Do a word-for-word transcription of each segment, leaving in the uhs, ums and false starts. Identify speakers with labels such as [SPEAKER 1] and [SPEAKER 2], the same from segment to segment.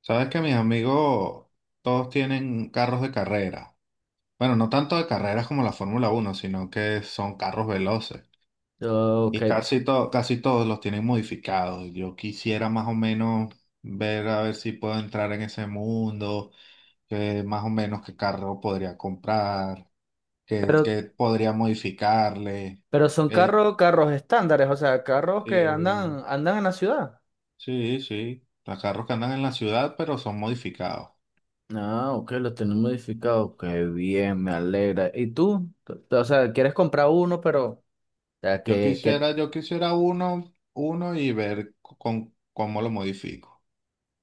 [SPEAKER 1] Sabes que mis amigos todos tienen carros de carrera. Bueno, no tanto de carreras como la Fórmula Uno, sino que son carros veloces.
[SPEAKER 2] Ok,
[SPEAKER 1] Y casi, to- casi todos los tienen modificados. Yo quisiera más o menos ver a ver si puedo entrar en ese mundo, que más o menos qué carro podría comprar, qué,
[SPEAKER 2] pero,
[SPEAKER 1] qué podría modificarle.
[SPEAKER 2] pero son
[SPEAKER 1] Eh,
[SPEAKER 2] carros, carros estándares, o sea, carros que
[SPEAKER 1] eh,
[SPEAKER 2] andan, andan en la ciudad.
[SPEAKER 1] sí, sí, los carros que andan en la ciudad, pero son modificados.
[SPEAKER 2] Ah, ok, lo tienen modificado. Qué bien, me alegra. ¿Y tú? Tú- tú, O sea, quieres comprar uno, pero, o sea,
[SPEAKER 1] Yo
[SPEAKER 2] que, que,
[SPEAKER 1] quisiera, yo quisiera uno, uno y ver con, cómo lo modifico,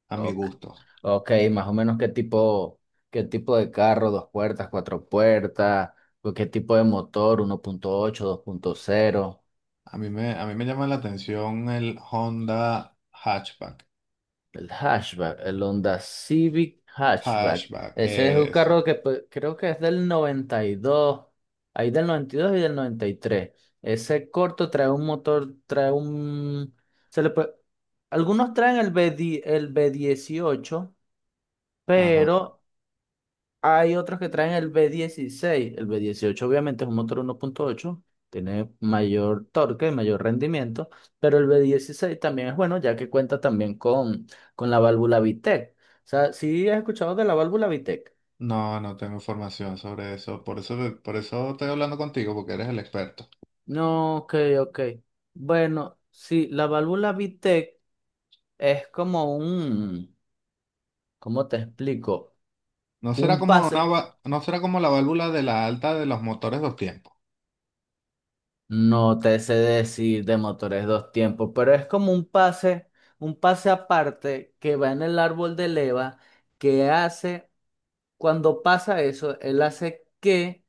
[SPEAKER 1] a mi
[SPEAKER 2] ok,
[SPEAKER 1] gusto.
[SPEAKER 2] ok, más o menos qué tipo, qué tipo de carro, dos puertas, cuatro puertas, o qué tipo de motor, ¿uno punto ocho, dos punto cero?
[SPEAKER 1] A mí me, a mí me llama la atención el Honda Hatchback.
[SPEAKER 2] El hatchback, el Honda Civic Hatchback.
[SPEAKER 1] Hatchback,
[SPEAKER 2] Ese es un
[SPEAKER 1] ese.
[SPEAKER 2] carro que, pues, creo que es del noventa y dos. Hay del noventa y dos y del noventa y tres. Ese corto trae un motor, trae un... Se le puede- Algunos traen el B, di- el b dieciocho,
[SPEAKER 1] Ajá.
[SPEAKER 2] pero hay otros que traen el v dieciséis. El v dieciocho, obviamente, es un motor uno punto ocho, tiene mayor torque, mayor rendimiento, pero el v dieciséis también es bueno ya que cuenta también con, con la válvula VTEC. O sea, ¿sí has escuchado de la válvula VTEC?
[SPEAKER 1] No, no tengo información sobre eso. Por eso, te- por eso estoy hablando contigo, porque eres el experto.
[SPEAKER 2] No, ok, ok. Bueno, sí, la válvula VTEC es como un, ¿cómo te explico?
[SPEAKER 1] No será
[SPEAKER 2] Un
[SPEAKER 1] como
[SPEAKER 2] pase.
[SPEAKER 1] una, va- no será como la válvula de la alta de los motores dos tiempos.
[SPEAKER 2] No te sé decir de motores dos tiempos, pero es como un pase, un pase aparte que va en el árbol de leva, que hace, cuando pasa eso, él hace que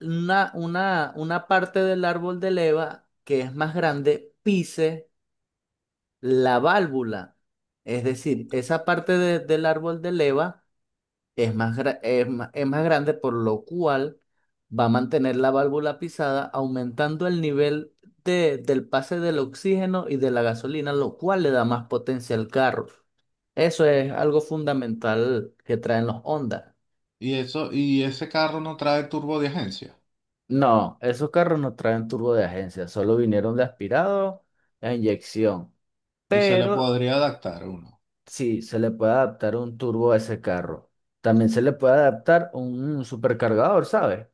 [SPEAKER 2] una, una, una parte del árbol de leva que es más grande pise la válvula. Es decir, esa parte de- del árbol de leva es más, gra- es ma- es más grande, por lo cual va a mantener la válvula pisada, aumentando el nivel de, del pase del oxígeno y de la gasolina, lo cual le da más potencia al carro. Eso es algo fundamental que traen los Honda.
[SPEAKER 1] Y eso, y ese carro no trae turbo de agencia.
[SPEAKER 2] No, esos carros no traen turbo de agencia, solo vinieron de aspirado a inyección.
[SPEAKER 1] Y se le
[SPEAKER 2] Pero
[SPEAKER 1] podría adaptar uno.
[SPEAKER 2] sí, se le puede adaptar un turbo a ese carro. También se le puede adaptar un, un supercargador, ¿sabes?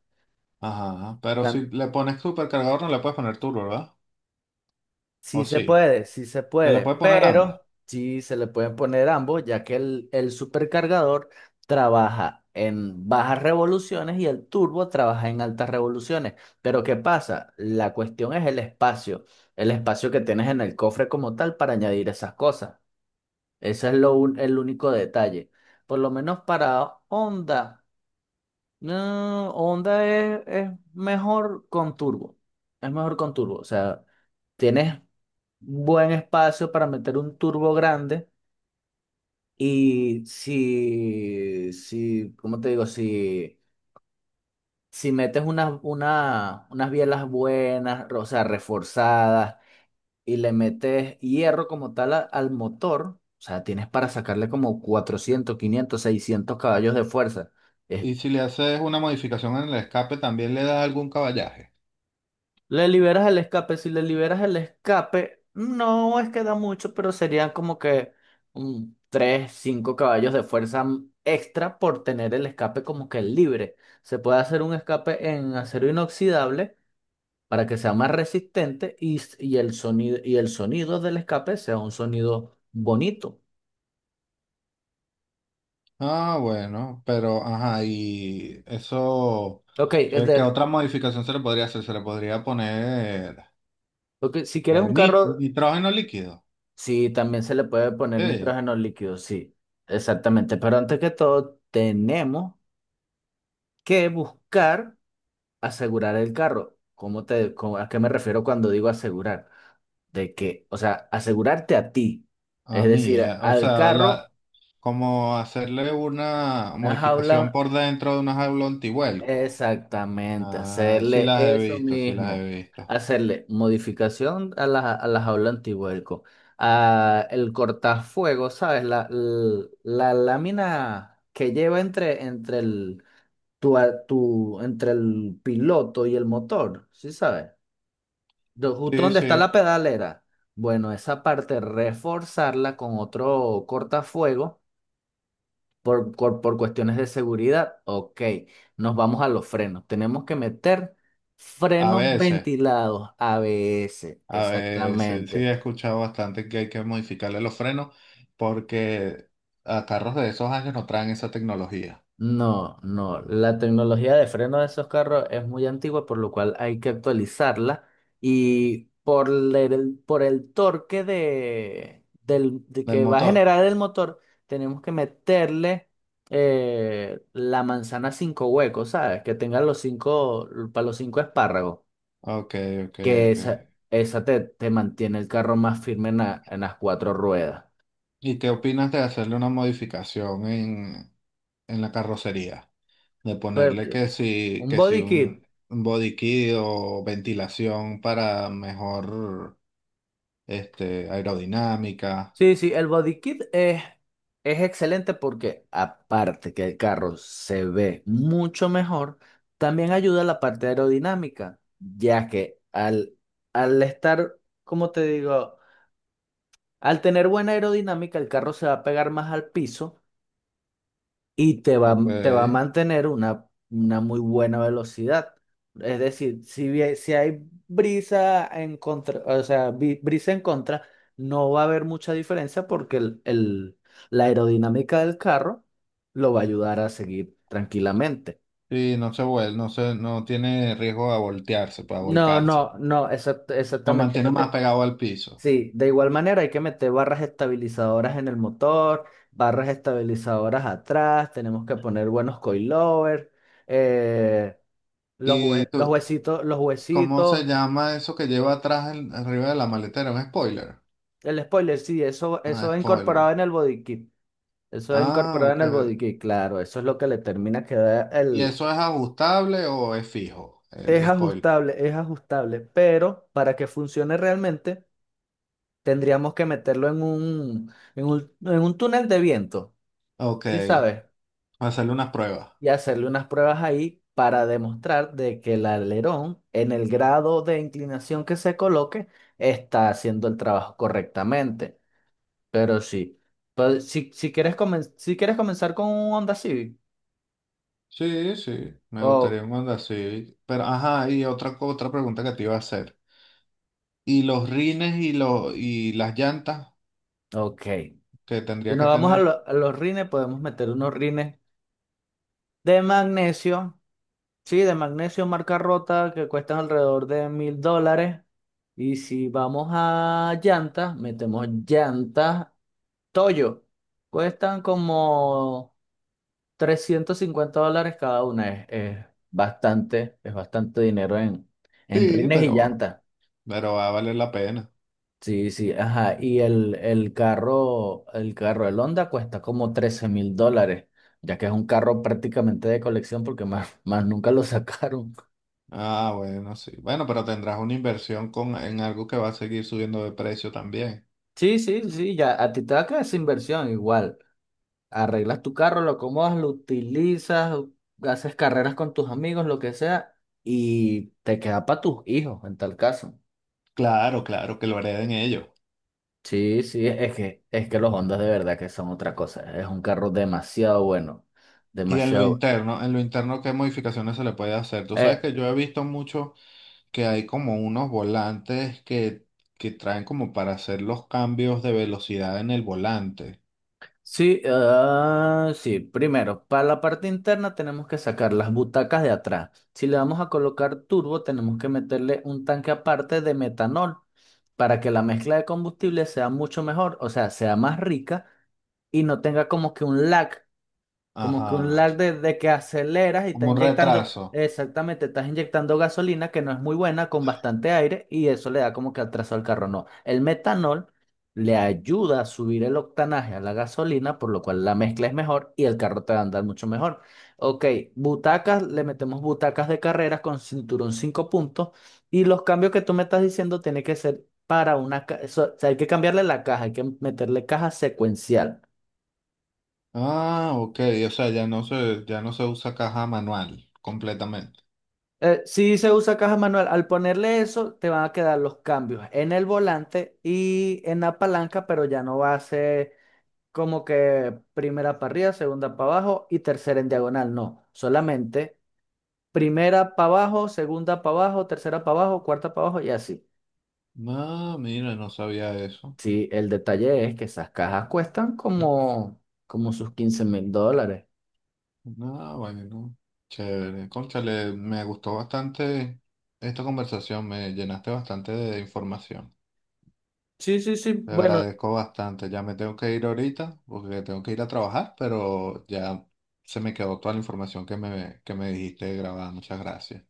[SPEAKER 1] Ajá, pero si le pones supercargador no le puedes poner turbo, ¿verdad? O
[SPEAKER 2] Sí se
[SPEAKER 1] sí,
[SPEAKER 2] puede, sí se
[SPEAKER 1] se le
[SPEAKER 2] puede,
[SPEAKER 1] puede poner ambos.
[SPEAKER 2] pero sí se le pueden poner ambos, ya que el, el supercargador trabaja en bajas revoluciones y el turbo trabaja en altas revoluciones. Pero, ¿qué pasa? La cuestión es el espacio, el espacio que tienes en el cofre como tal para añadir esas cosas. Ese es lo, un- el único detalle. Por lo menos para Honda. No, Honda es, es mejor con turbo. Es mejor con turbo. O sea, tienes buen espacio para meter un turbo grande. Y si, si, ¿cómo te digo? Si, si metes unas, una, unas bielas buenas, o sea, reforzadas, y le metes hierro como tal a- al motor, o sea, tienes para sacarle como cuatrocientos quinientos seiscientos caballos de fuerza. Es
[SPEAKER 1] Y si le haces una modificación en el escape también le da algún caballaje.
[SPEAKER 2] Le liberas el escape. Si le liberas el escape, no es que da mucho, pero serían como que un tres cinco caballos de fuerza m- extra por tener el escape como que libre. Se puede hacer un escape en acero inoxidable para que sea más resistente y, s- y el sonido, y el sonido del escape sea un sonido bonito.
[SPEAKER 1] Ah, bueno, pero ajá, y eso,
[SPEAKER 2] Ok, es
[SPEAKER 1] ¿qué, qué
[SPEAKER 2] de-
[SPEAKER 1] otra modificación se le podría hacer? Se le podría poner
[SPEAKER 2] ok, si quieres
[SPEAKER 1] eh,
[SPEAKER 2] un
[SPEAKER 1] nit-
[SPEAKER 2] carro,
[SPEAKER 1] nitrógeno líquido.
[SPEAKER 2] sí, también se le puede poner
[SPEAKER 1] Sí,
[SPEAKER 2] nitrógeno líquido, sí, exactamente. Pero antes que todo, tenemos que buscar asegurar el carro. ¿Cómo te, cómo- a qué me refiero cuando digo asegurar? De que, o sea, asegurarte a ti,
[SPEAKER 1] a
[SPEAKER 2] es
[SPEAKER 1] mí,
[SPEAKER 2] decir,
[SPEAKER 1] eh, o
[SPEAKER 2] al
[SPEAKER 1] sea,
[SPEAKER 2] carro,
[SPEAKER 1] la, como hacerle una
[SPEAKER 2] una jaula,
[SPEAKER 1] modificación por dentro de una jaula antivuelco.
[SPEAKER 2] exactamente,
[SPEAKER 1] Ah, sí
[SPEAKER 2] hacerle
[SPEAKER 1] las he
[SPEAKER 2] eso
[SPEAKER 1] visto, sí las he
[SPEAKER 2] mismo,
[SPEAKER 1] visto.
[SPEAKER 2] hacerle modificación a la, a la jaula antivuelco, a el cortafuego, ¿sabes? La, l- la, lámina que lleva entre, entre el, tu, a- tu, entre el piloto y el motor, ¿sí sabes? Do- Justo
[SPEAKER 1] Sí,
[SPEAKER 2] donde está
[SPEAKER 1] sí,
[SPEAKER 2] la pedalera. Bueno, esa parte reforzarla con otro cortafuego por, por, por cuestiones de seguridad. Ok, nos vamos a los frenos. Tenemos que meter
[SPEAKER 1] a
[SPEAKER 2] frenos
[SPEAKER 1] veces,
[SPEAKER 2] ventilados, A B S,
[SPEAKER 1] a veces, sí
[SPEAKER 2] exactamente.
[SPEAKER 1] he escuchado bastante que hay que modificarle los frenos porque a carros de esos años no traen esa tecnología
[SPEAKER 2] No, no. La tecnología de freno de esos carros es muy antigua, por lo cual hay que actualizarla. Y por el, por el torque de, del, de
[SPEAKER 1] del
[SPEAKER 2] que va a
[SPEAKER 1] motor.
[SPEAKER 2] generar el motor, tenemos que meterle eh, la manzana cinco huecos, ¿sabes? Que tenga los cinco, para los cinco espárragos.
[SPEAKER 1] Ok, ok,
[SPEAKER 2] Que
[SPEAKER 1] ok.
[SPEAKER 2] esa, esa te, te mantiene el carro más firme en, la- en las cuatro ruedas.
[SPEAKER 1] ¿Y qué opinas de hacerle una modificación en, en la carrocería? De ponerle
[SPEAKER 2] Porque
[SPEAKER 1] que si,
[SPEAKER 2] un
[SPEAKER 1] que si
[SPEAKER 2] body kit.
[SPEAKER 1] un un body kit o ventilación para mejor este, aerodinámica.
[SPEAKER 2] Sí, sí, el body kit es, es excelente porque, aparte que el carro se ve mucho mejor, también ayuda a la parte aerodinámica, ya que al, al estar, como te digo, al tener buena aerodinámica, el carro se va a pegar más al piso y te va,
[SPEAKER 1] Ok.
[SPEAKER 2] te va a mantener una, una muy buena velocidad. Es decir, si, bien- si hay brisa en contra, o sea, bri- brisa en contra, no va a haber mucha diferencia porque el, el- la aerodinámica del carro lo va a ayudar a seguir tranquilamente.
[SPEAKER 1] Sí, no se vuelve, no se, no tiene riesgo de voltearse, pues
[SPEAKER 2] No,
[SPEAKER 1] volcarse.
[SPEAKER 2] no, no, exact-
[SPEAKER 1] Lo
[SPEAKER 2] exactamente. No
[SPEAKER 1] mantiene
[SPEAKER 2] tiene-
[SPEAKER 1] más pegado al piso.
[SPEAKER 2] Sí, de igual manera hay que meter barras estabilizadoras en el motor, barras estabilizadoras atrás, tenemos que poner buenos coilovers. eh, Los,
[SPEAKER 1] ¿Y
[SPEAKER 2] hue- los
[SPEAKER 1] tú-
[SPEAKER 2] huesitos, los
[SPEAKER 1] cómo se
[SPEAKER 2] huesitos,
[SPEAKER 1] llama eso que lleva atrás en- arriba de la maletera? ¿Un spoiler?
[SPEAKER 2] el spoiler, sí, eso,
[SPEAKER 1] Ah,
[SPEAKER 2] eso es
[SPEAKER 1] spoiler.
[SPEAKER 2] incorporado en el body kit. Eso es
[SPEAKER 1] Ah,
[SPEAKER 2] incorporado en
[SPEAKER 1] ok.
[SPEAKER 2] el body kit, claro, eso es lo que le termina que dar
[SPEAKER 1] ¿Y
[SPEAKER 2] el...
[SPEAKER 1] eso es ajustable o es fijo,
[SPEAKER 2] Es
[SPEAKER 1] el spoiler?
[SPEAKER 2] ajustable, es ajustable, pero para que funcione realmente tendríamos que meterlo en un, en un, en un túnel de viento,
[SPEAKER 1] Ok,
[SPEAKER 2] ¿sí sabes?
[SPEAKER 1] hacerle unas pruebas.
[SPEAKER 2] Y hacerle unas pruebas ahí para demostrar de que el alerón en el grado de inclinación que se coloque está haciendo el trabajo correctamente. Pero sí. Pues, si, si quieres comen- si quieres comenzar con un Honda Civic.
[SPEAKER 1] Sí, sí, me
[SPEAKER 2] Oh,
[SPEAKER 1] gustaría mandar así. Pero, ajá, y otra, co- otra pregunta que te iba a hacer. ¿Y los rines y, los, y las llantas
[SPEAKER 2] ok.
[SPEAKER 1] que
[SPEAKER 2] Si
[SPEAKER 1] tendrías
[SPEAKER 2] nos
[SPEAKER 1] que
[SPEAKER 2] vamos a,
[SPEAKER 1] tener?
[SPEAKER 2] lo- a los rines, podemos meter unos rines de magnesio. Sí, de magnesio marca rota que cuestan alrededor de mil dólares. Y si vamos a llantas, metemos llantas Toyo. Cuestan como trescientos cincuenta dólares cada una. Es, es bastante, es bastante dinero en, en
[SPEAKER 1] Sí,
[SPEAKER 2] rines y
[SPEAKER 1] pero
[SPEAKER 2] llantas.
[SPEAKER 1] Pero va a valer la pena.
[SPEAKER 2] Sí, sí, ajá. Y el, el carro, el carro, el Honda cuesta como trece mil dólares, ya que es un carro prácticamente de colección porque más, más nunca lo sacaron.
[SPEAKER 1] Ah, bueno, sí. Bueno, pero tendrás una inversión con, en algo que va a seguir subiendo de precio también.
[SPEAKER 2] Sí, sí, sí, ya a ti te va a quedar esa inversión igual. Arreglas tu carro, lo acomodas, lo utilizas, haces carreras con tus amigos, lo que sea, y te queda para tus hijos en tal caso.
[SPEAKER 1] Claro, claro, que lo hereden ellos.
[SPEAKER 2] Sí, sí, es que, es que los Hondas de verdad que son otra cosa. Es un carro demasiado bueno,
[SPEAKER 1] Y en lo
[SPEAKER 2] demasiado.
[SPEAKER 1] interno, en lo interno, ¿qué modificaciones se le puede hacer? Tú sabes
[SPEAKER 2] Eh,
[SPEAKER 1] que yo he visto mucho que hay como unos volantes que, que traen como para hacer los cambios de velocidad en el volante.
[SPEAKER 2] Sí, ah, sí. Primero, para la parte interna tenemos que sacar las butacas de atrás. Si le vamos a colocar turbo, tenemos que meterle un tanque aparte de metanol para que la mezcla de combustible sea mucho mejor, o sea, sea más rica y no tenga como que un lag, como que un
[SPEAKER 1] Ajá.
[SPEAKER 2] lag de, de que aceleras y está
[SPEAKER 1] Como un
[SPEAKER 2] inyectando,
[SPEAKER 1] retraso.
[SPEAKER 2] exactamente, estás inyectando gasolina que no es muy buena con bastante aire y eso le da como que atraso al carro. No, el metanol le ayuda a subir el octanaje a la gasolina, por lo cual la mezcla es mejor y el carro te va a andar mucho mejor. Ok, butacas, le metemos butacas de carreras con cinturón cinco puntos y los cambios que tú me estás diciendo tienen que ser para una... ca- eso- o sea, hay que cambiarle la caja, hay que meterle caja secuencial.
[SPEAKER 1] Ah, ok. O sea, ya no se, ya no se usa caja manual completamente.
[SPEAKER 2] Eh, sí se usa caja manual. Al ponerle eso, te van a quedar los cambios en el volante y en la palanca, pero ya no va a ser como que primera para arriba, segunda para abajo y tercera en diagonal. No, solamente primera para abajo, segunda para abajo, tercera para abajo, cuarta para abajo y así.
[SPEAKER 1] Ah, mira, no sabía eso.
[SPEAKER 2] Sí, el detalle es que esas cajas cuestan como, como sus quince mil dólares.
[SPEAKER 1] Ah, bueno, chévere. Cónchale, me gustó bastante esta conversación, me llenaste bastante de información.
[SPEAKER 2] Sí, sí, sí.
[SPEAKER 1] Te
[SPEAKER 2] Bueno,
[SPEAKER 1] agradezco bastante. Ya me tengo que ir ahorita porque tengo que ir a trabajar, pero ya se me quedó toda la información que me, que me dijiste grabada. Muchas gracias.